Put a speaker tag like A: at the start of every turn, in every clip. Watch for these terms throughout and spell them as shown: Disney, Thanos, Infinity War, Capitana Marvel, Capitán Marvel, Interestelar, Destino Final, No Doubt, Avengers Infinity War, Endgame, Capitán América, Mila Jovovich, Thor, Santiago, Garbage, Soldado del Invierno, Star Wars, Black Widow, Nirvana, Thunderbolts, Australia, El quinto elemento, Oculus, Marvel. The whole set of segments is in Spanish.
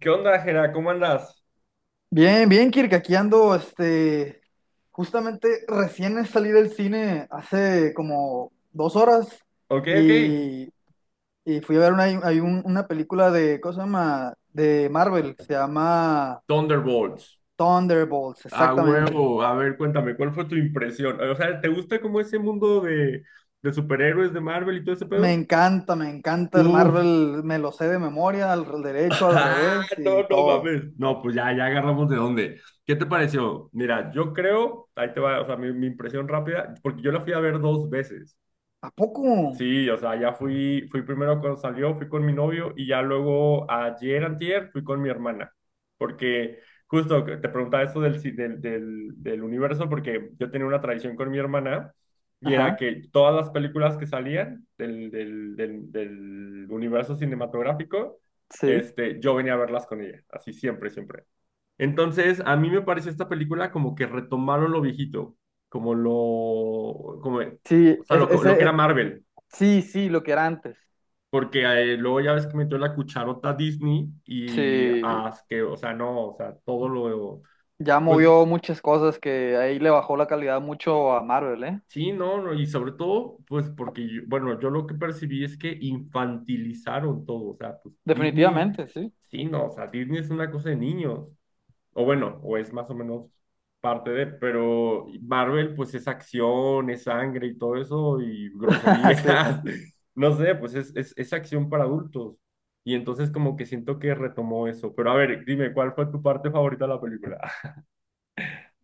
A: ¿Qué onda, Jera? ¿Cómo andas?
B: Bien, bien, Kirk, aquí ando, justamente recién salí del cine hace como 2 horas
A: Ok, ok.
B: y, y fui a ver una película de, ¿cómo se llama? De Marvel, se llama
A: Thunderbolts.
B: Thunderbolts,
A: A
B: exactamente.
A: huevo. A ver, cuéntame, ¿cuál fue tu impresión? O sea, ¿te gusta como ese mundo de superhéroes de Marvel y todo ese pedo?
B: Me encanta el
A: Uf,
B: Marvel, me lo sé de memoria, al derecho, al
A: Ah,
B: revés
A: no,
B: y
A: no
B: todo.
A: mames. No, pues ya, ya agarramos de dónde. ¿Qué te pareció? Mira, yo creo, ahí te va, o sea, mi impresión rápida, porque yo la fui a ver dos veces.
B: ¿A poco?
A: Sí, o sea, ya fui, fui primero cuando salió, fui con mi novio y ya luego ayer, antier, fui con mi hermana. Porque justo que te preguntaba eso del, ci- del, del, del universo, porque yo tenía una tradición con mi hermana y era
B: Ajá,
A: que todas las películas que salían del universo cinematográfico,
B: sí.
A: este, yo venía a verlas con ella, así siempre, siempre. Entonces, a mí me pareció esta película como que retomaron lo viejito, como lo, como, o
B: Sí,
A: sea,
B: es-
A: lo que era
B: ese,
A: Marvel.
B: sí, sí, lo que era antes.
A: Porque luego ya ves que metió la cucharota Disney y
B: Sí.
A: as que, o sea, no, o sea, todo lo,
B: Ya
A: pues
B: movió muchas cosas que ahí le bajó la calidad mucho a Marvel, ¿eh?
A: sí, no, no, y sobre todo, pues porque, yo- bueno, yo lo que percibí es que infantilizaron todo, o sea, pues Disney,
B: Definitivamente, sí.
A: sí, no, o sea, Disney es una cosa de niños. O bueno, o es más o menos parte de, pero Marvel pues es acción, es sangre y todo eso y groserías,
B: Sí.
A: no sé, pues es acción para adultos. Y entonces como que siento que retomó eso. Pero a ver, dime, ¿cuál fue tu parte favorita de la película?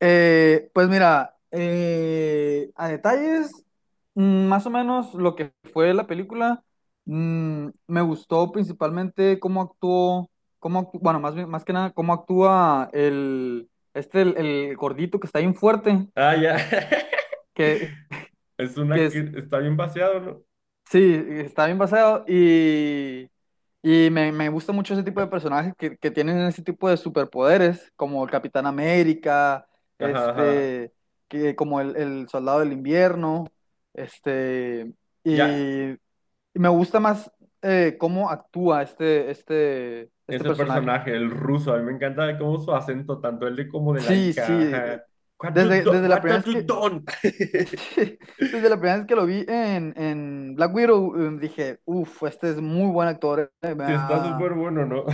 B: Pues mira, a detalles, más o menos lo que fue la película, me gustó principalmente cómo actuó, cómo actú- bueno, más bien- más que nada, cómo actúa el gordito que está bien fuerte.
A: Ah, ya.
B: que,
A: Es
B: que
A: una
B: es,
A: que está bien vaciado, ¿no?
B: Sí, está bien basado, y me gusta mucho ese tipo de personajes que tienen ese tipo de superpoderes, como el Capitán América,
A: Ajá, ajá.
B: este, como el Soldado del Invierno, este,
A: Ya,
B: y, y me gusta más, cómo actúa este
A: ese
B: personaje.
A: personaje, el ruso, a mí me encanta cómo su acento, tanto el de como de la
B: Sí,
A: hija.
B: sí,
A: Ajá. What you
B: desde,
A: do-
B: desde la
A: what
B: primera
A: have
B: vez
A: you
B: que,
A: done?
B: desde la primera vez que lo vi en Black Widow, dije: uff, este es muy buen actor,
A: Sí, está súper bueno, ¿no?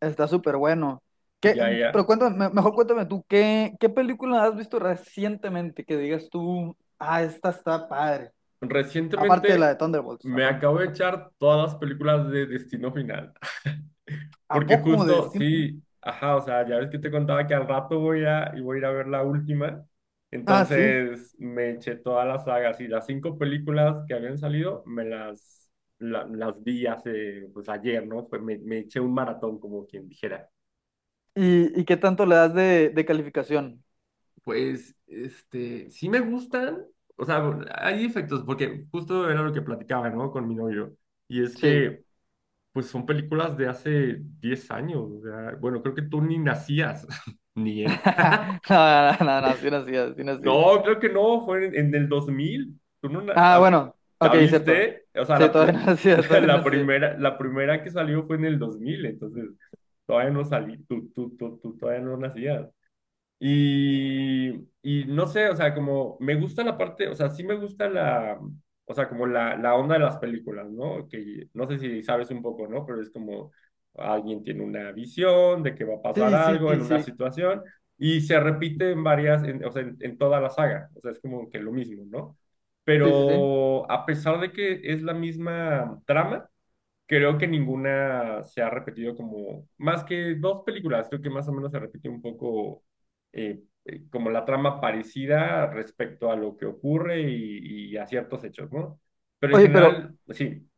B: Está súper bueno. ¿Qué-
A: Ya,
B: pero
A: ya.
B: cuéntame, mejor cuéntame tú, ¿qué película has visto recientemente que digas tú: ah, ¿esta está padre? Aparte de la de
A: Recientemente
B: Thunderbolts,
A: me acabo de echar todas las películas de Destino Final.
B: ¿a
A: Porque
B: poco de
A: justo,
B: Steel? ¿No?
A: sí, ajá, o sea, ya ves que te contaba que al rato voy a, y voy a ir a ver la última.
B: Ah, sí.
A: Entonces me eché todas las sagas y las cinco películas que habían salido, me las, la- las vi hace, pues ayer, ¿no? Pues me eché un maratón, como quien dijera.
B: ¿Y, ¿y qué tanto le das de calificación?
A: Pues, este, sí me gustan, o sea, hay efectos, porque justo era lo que platicaba, ¿no? Con mi novio, y es
B: Sí.
A: que, pues son películas de hace 10 años, o sea, bueno, creo que tú ni nacías, ni él.
B: No, no, no, no, sí, no, sí, sí, no, sí.
A: No, creo que no, fue en el 2000 tú no, na-
B: Ah,
A: ah,
B: bueno, ok,
A: ¿ya
B: cierto.
A: viste? O sea,
B: Sí,
A: la,
B: todavía
A: la,
B: no nacía,
A: la-
B: todavía no nacía.
A: la primera que salió fue en el 2000 entonces, todavía no salí, tú todavía no nacías. Y, y no sé, o sea, como me gusta la parte, o sea, sí me gusta la, o sea, como la onda de las películas, ¿no? Que no sé si sabes un poco, ¿no? Pero es como alguien tiene una visión de que va a pasar
B: Sí, sí,
A: algo en
B: sí,
A: una
B: sí,
A: situación y se repite en varias, en- o sea, en toda la saga, o sea, es como que lo mismo, ¿no?
B: sí, sí, sí.
A: Pero a pesar de que es la misma trama, creo que ninguna se ha repetido como, más que dos películas, creo que más o menos se repite un poco como la trama parecida respecto a lo que ocurre y a ciertos hechos, ¿no? Pero en
B: Oye,
A: general, sí.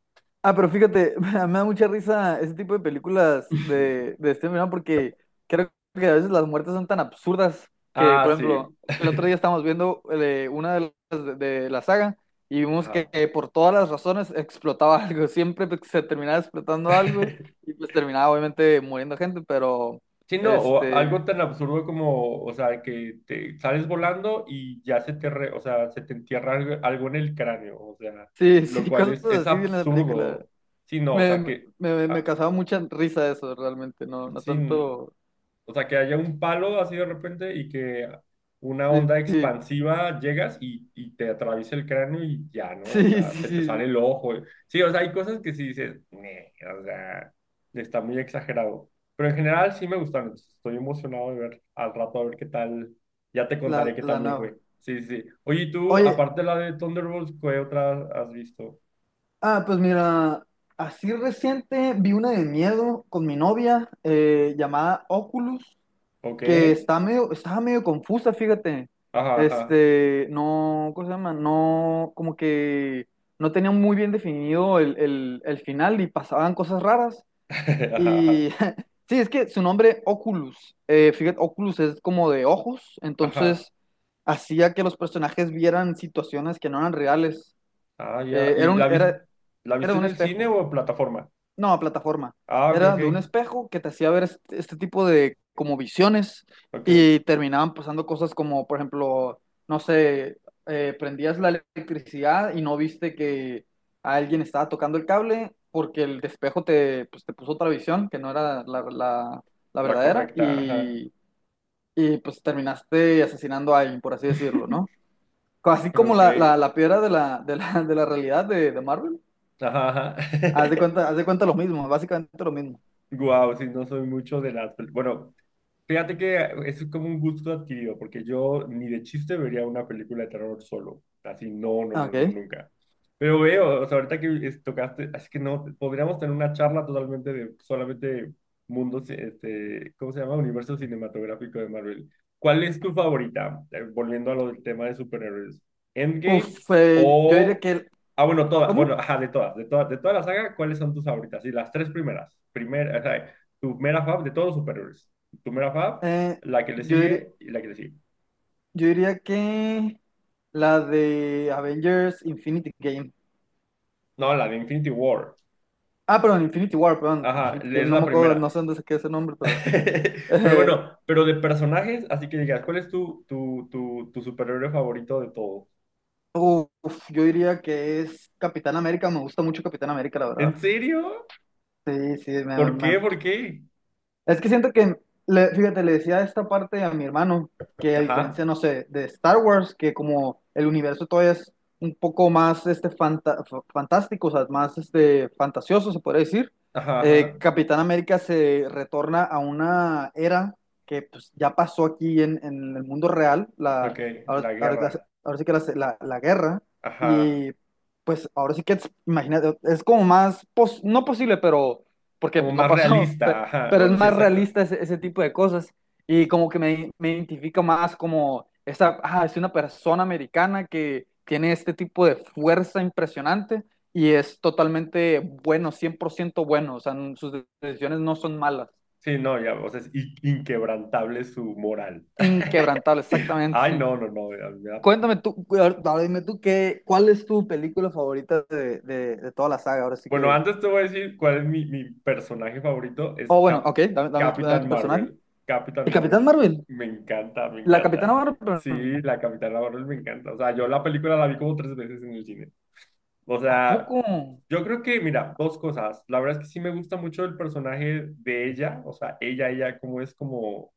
B: ah, pero fíjate, me da mucha risa ese tipo de películas de este verano, porque creo que a veces las muertes son tan absurdas que, por
A: Ah,
B: ejemplo,
A: sí.
B: el otro día estábamos viendo, una de las de la saga, y vimos que,
A: Ah.
B: por todas las razones explotaba algo, siempre pues se terminaba explotando algo, y pues terminaba obviamente muriendo gente. Pero,
A: Sí, no, o
B: este,
A: algo tan absurdo como, o sea, que te sales volando y ya se te, re- o sea, se te entierra algo, algo en el cráneo, o sea,
B: sí,
A: lo
B: sí,
A: cual
B: cosas
A: es
B: así en la película.
A: absurdo. Sí, no, o
B: Me,
A: sea,
B: me,
A: que,
B: me- me
A: ah,
B: causaba mucha risa eso realmente, no, no
A: sí,
B: tanto,
A: o sea, que haya un palo así de repente y que una
B: sí,
A: onda
B: sí.
A: expansiva llegas y te atraviesa el cráneo y ya, ¿no? O
B: Sí,
A: sea,
B: sí.
A: se te sale
B: Sí.
A: el ojo. Sí, o sea, hay cosas que sí dices, "Nee", o sea, está muy exagerado. Pero en general sí me gustaron. Entonces estoy emocionado de ver al rato a ver qué tal. Ya te
B: La,
A: contaré qué tal
B: la
A: me
B: nueva.
A: fue. Sí, sí. Sí. Oye, ¿y tú,
B: Oye,
A: aparte de la de Thunderbolts, ¿qué otra has visto?
B: ah, pues mira, así reciente vi una de miedo con mi novia, llamada Oculus,
A: ¿Ok?
B: que está medio, estaba medio confusa, fíjate.
A: Ajá, ajá.
B: No, ¿cómo se llama? No, como que no tenía muy bien definido el final, y pasaban cosas raras.
A: Ajá,
B: Y
A: ajá.
B: sí, es que su nombre Oculus, fíjate, Oculus es como de ojos,
A: Ajá.
B: entonces hacía que los personajes vieran situaciones que no eran reales.
A: Ah, ya.
B: Eh,
A: ¿Y
B: era un,
A: la, vis-
B: era,
A: la
B: Era de
A: viste en
B: un
A: el cine
B: espejo.
A: o en plataforma?
B: No, plataforma.
A: Ah, ok,
B: Era
A: ok.
B: de un espejo que te hacía ver este tipo de como visiones,
A: Ok.
B: y terminaban pasando cosas como, por ejemplo, no sé, prendías la electricidad y no viste que alguien estaba tocando el cable, porque el espejo te, pues, te puso otra visión que no era la
A: La
B: verdadera,
A: correcta, ajá.
B: y pues terminaste asesinando a alguien, por así decirlo, ¿no? Así como
A: Ok.
B: la piedra de la realidad de Marvel.
A: Ajá, ajá.
B: Haz de cuenta lo mismo, básicamente lo mismo.
A: Guau, sí, no soy mucho de las pel- bueno, fíjate que es como un gusto adquirido, porque yo ni de chiste vería una película de terror solo. Así, no, no, no,
B: Ok.
A: no, nunca. Pero veo, o sea, ahorita que es- tocaste, así que no, podríamos tener una charla totalmente de solamente mundos, este, ¿cómo se llama? Universo cinematográfico de Marvel. ¿Cuál es tu favorita? Volviendo a lo del tema de superhéroes. ¿Endgame
B: Uf, yo diría
A: o...
B: que
A: Ah, bueno, todas, bueno,
B: ¿Cómo?
A: ajá, de todas, de todas, de toda la saga, ¿cuáles son tus favoritas? Y las tres primeras, primera, o sea, tu mera fav de todos los superhéroes primera Fab,
B: Eh,
A: la que le
B: yo diría,
A: sigue y la que le sigue.
B: yo diría que la de Avengers Infinity Game.
A: No, la de Infinity War.
B: Ah, perdón, Infinity War, perdón,
A: Ajá,
B: Infinity
A: es
B: Game, no
A: la
B: me acuerdo,
A: primera.
B: no sé dónde se queda ese nombre, pero…
A: Pero
B: eh,
A: bueno, pero de personajes, así que digas, ¿cuál es tu, tu superhéroe favorito de todos?
B: uf, yo diría que es Capitán América, me gusta mucho Capitán América, la verdad.
A: ¿En serio?
B: Sí, sí.
A: ¿Por qué? ¿Por qué?
B: Es que siento que, fíjate, le decía esta parte a mi hermano, que a
A: Ajá,
B: diferencia, no sé, de Star Wars, que como el universo todavía es un poco más, fantástico, o sea, más, fantasioso, se podría decir.
A: ajá, ajá.
B: Capitán América se retorna a una era que pues ya pasó aquí en el mundo real,
A: Ok,
B: la, ahora,
A: la
B: ahora que la-
A: guerra.
B: ahora sí que la guerra,
A: Ajá.
B: y pues ahora sí que, imagínate, es como más, no posible, pero porque
A: Como
B: pues no
A: más
B: pasó,
A: realista. Ajá.
B: pero es
A: Bueno, sí,
B: más
A: exacto.
B: realista ese tipo de cosas, y como que me identifica más, como, ah, es una persona americana que tiene este tipo de fuerza impresionante, y es totalmente bueno, 100% bueno. O sea, sus decisiones no son malas,
A: Sí, no, ya, o sea, es in- inquebrantable su moral.
B: inquebrantable,
A: Ay,
B: exactamente.
A: no, no, no, me da,
B: Cuéntame tú, ahora dime tú, ¿cuál es tu película favorita de toda la saga? Ahora sí
A: bueno,
B: que…
A: antes te voy a decir cuál es mi, mi personaje favorito, es
B: Oh, bueno,
A: Cap-
B: ok, dame
A: Capitán
B: tu personaje.
A: Marvel. Capitán
B: El Capitán
A: Marvel
B: Marvel,
A: me encanta, me
B: la Capitana
A: encanta. Sí,
B: Marvel,
A: la Capitana Marvel me encanta. O sea, yo la película la vi como tres veces en el cine. O
B: ¿a
A: sea,
B: poco?
A: yo creo que, mira, dos cosas. La verdad es que sí me gusta mucho el personaje de ella, o sea, ella, cómo es como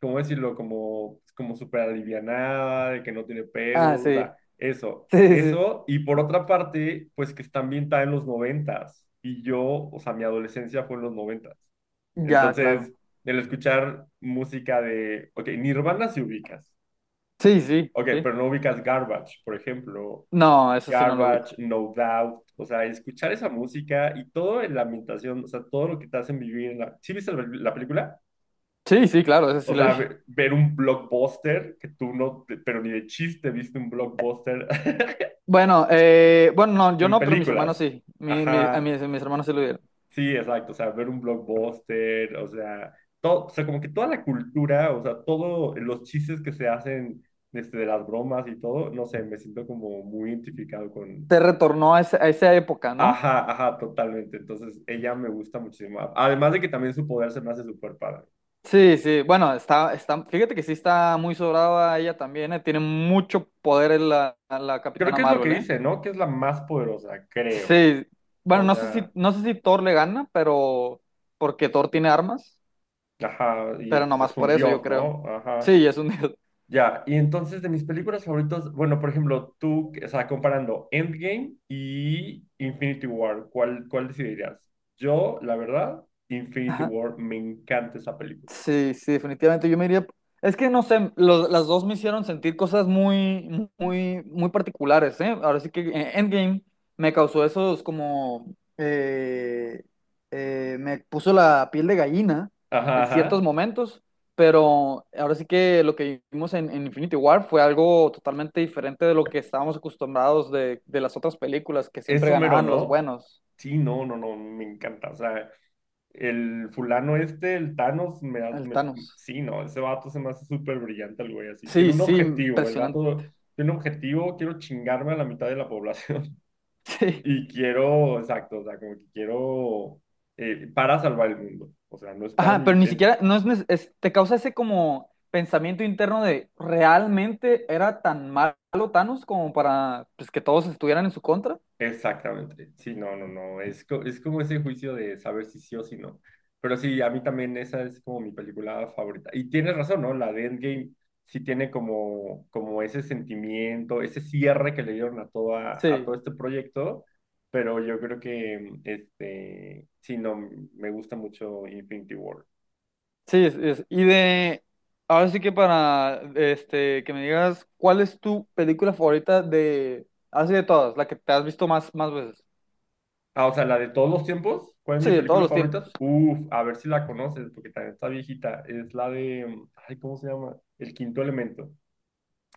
A: ¿cómo decirlo? Como, como súper alivianada, de que no tiene
B: Ah,
A: pedos, o
B: sí.
A: sea, eso,
B: Sí, sí, sí.
A: eso. Y por otra parte, pues que está ambientada en los noventas. Y yo, o sea, mi adolescencia fue en los noventas.
B: Ya, claro.
A: Entonces, el escuchar música de, ok, Nirvana si ubicas,
B: Sí, sí,
A: ok,
B: sí.
A: pero no ubicas Garbage, por ejemplo.
B: No, eso sí no lo ubico.
A: Garbage, No Doubt, o sea, escuchar esa música y todo en la ambientación, o sea, todo lo que te hacen vivir en la... ¿Sí viste la la película?
B: Sí, sí, claro, eso
A: O
B: sí lo
A: sea,
B: vi.
A: ve- ver un blockbuster que tú no, pero ni de chiste viste un blockbuster
B: Bueno, no, yo
A: en
B: no, pero mis hermanos
A: películas.
B: sí. A
A: Ajá,
B: mis hermanos sí lo vieron.
A: sí, exacto. O sea, ver un blockbuster, o sea, todo, o sea, como que toda la cultura, o sea, todos los chistes que se hacen este, de las bromas y todo, no sé, me siento como muy identificado con...
B: Te retornó a, a esa época, ¿no?
A: Ajá, ajá, totalmente. Entonces, ella me gusta muchísimo. Además de que también su poder se me hace súper padre.
B: Sí, sí. Bueno, fíjate que sí está muy sobrada ella también, tiene mucho poder en la
A: Creo
B: Capitana
A: que es lo que
B: Marvel, ¿eh?
A: dice, ¿no? Que es la más poderosa, creo.
B: Sí. Bueno,
A: O
B: no sé si,
A: sea...
B: no sé si Thor le gana, pero porque Thor tiene armas,
A: Ajá, y
B: pero
A: pues
B: nomás
A: es
B: por
A: un
B: eso, yo
A: dios,
B: creo.
A: ¿no? Ajá.
B: Sí, es un dios.
A: Ya, y entonces de mis películas favoritas, bueno, por ejemplo, tú, o sea, comparando Endgame y Infinity War, ¿cuál, cuál decidirías? Yo, la verdad, Infinity War, me encanta esa película.
B: Sí, sí, definitivamente. Yo me iría. Es que no sé, las dos me hicieron sentir cosas muy, muy, muy particulares, ¿eh? Ahora sí que, Endgame me causó esos como, me puso la piel de gallina
A: Ajá,
B: en ciertos
A: ajá.
B: momentos, pero ahora sí que lo que vimos en Infinity War fue algo totalmente diferente de lo que estábamos acostumbrados de las otras películas, que
A: Es
B: siempre
A: Homero,
B: ganaban los
A: ¿no?
B: buenos,
A: Sí, no, no, no, me encanta. O sea, el fulano este, el Thanos, me, ha-
B: el
A: me-
B: Thanos.
A: sí, no, ese vato se me hace súper brillante el güey así. Tiene
B: Sí,
A: un
B: sí,
A: objetivo, el
B: impresionante.
A: vato tiene un objetivo, quiero chingarme a la mitad de la población. Y quiero, exacto, o sea, como que quiero para salvar el mundo. O sea, no es para
B: Ajá,
A: mí,
B: pero ni
A: en-
B: siquiera, no es, te causa ese como pensamiento interno de: ¿realmente era tan malo Thanos como para, pues, que todos estuvieran en su contra?
A: exactamente. Sí, no, no, no. Es, co- es como ese juicio de saber si sí o si no. Pero sí, a mí también esa es como mi película favorita. Y tienes razón, ¿no? La de Endgame sí tiene como, como ese sentimiento, ese cierre que le dieron a, toda, a todo
B: Sí,
A: este proyecto. Pero yo creo que, este, sí, no, me gusta mucho Infinity War.
B: sí. Ahora sí que para, este, que me digas, ¿cuál es tu película favorita de, así de todas, la que te has visto más, más veces?
A: Ah, o sea, la de todos los tiempos. ¿Cuál es
B: Sí,
A: mi
B: de todos
A: película
B: los tiempos.
A: favorita? Uf, a ver si la conoces, porque también está viejita. Es la de, mm, ay, ¿cómo se llama? El quinto elemento.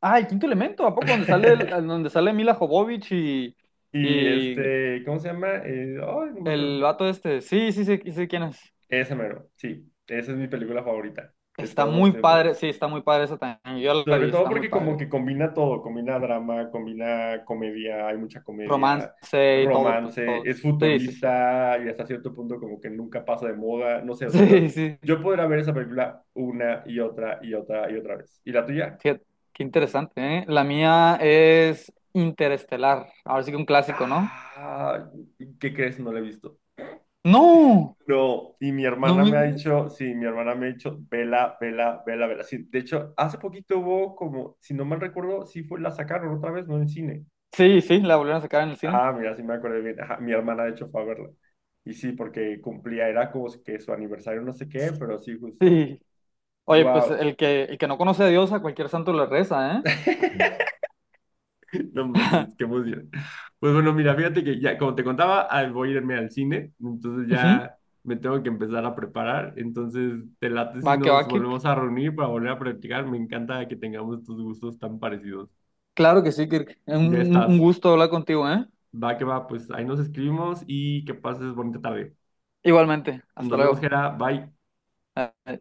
B: Ah, el quinto elemento, ¿a poco? Donde sale, donde sale Mila Jovovich y,
A: Y
B: y
A: este, ¿cómo se llama? Ay, no me acuerdo.
B: el vato este. Sí, sí, sí, sí, quién es.
A: Ese mero, sí. Esa es mi película favorita de
B: Está
A: todos los
B: muy padre,
A: tiempos.
B: sí, está muy padre esa también. Yo la
A: Sobre
B: vi,
A: todo
B: está muy
A: porque como
B: padre.
A: que combina todo, combina drama, combina comedia, hay mucha comedia,
B: Romance y todo, pues
A: romance,
B: todo.
A: es
B: Sí, sí, sí.
A: futurista y hasta cierto punto como que nunca pasa de moda, no sé, o sea, yo,
B: Sí, sí.
A: yo podría ver esa película una y otra y otra y otra vez. ¿Y la tuya?
B: Qué, qué interesante, ¿eh? La mía es Interestelar. Ahora sí que un clásico, ¿no?
A: Ah, ¿qué crees? No la he visto.
B: ¡No!
A: No, y mi
B: No
A: hermana
B: me
A: me ha
B: digas.
A: dicho, sí, mi hermana me ha dicho, vela, vela, vela, vela. Sí, de hecho, hace poquito hubo como, si no mal recuerdo, sí fue, la sacaron otra vez, no en cine.
B: Sí, sí, la volvieron a sacar en el cine.
A: Ah, mira, sí me acuerdo bien. Ajá, mi hermana, de hecho, fue a verla. Y sí, porque cumplía, era como que su aniversario, no sé qué, pero sí, justo.
B: Sí. Oye, pues
A: Wow.
B: el que no conoce a Dios, a cualquier santo le reza, ¿eh?
A: No manches, qué emoción. Pues bueno, mira, fíjate que ya, como te contaba, ah, voy a irme al cine, entonces
B: Ujú.
A: ya me tengo que empezar a preparar. Entonces, te late si
B: Va que va,
A: nos
B: Kirk.
A: volvemos a reunir para volver a practicar. Me encanta que tengamos estos gustos tan parecidos.
B: Claro que sí, Kirk. Un,
A: Ya
B: un
A: estás.
B: gusto hablar contigo, ¿eh?
A: Va que va, pues ahí nos escribimos y que pases bonita tarde.
B: Igualmente. Hasta
A: Nos vemos,
B: luego.
A: Jera. Bye.
B: Eh,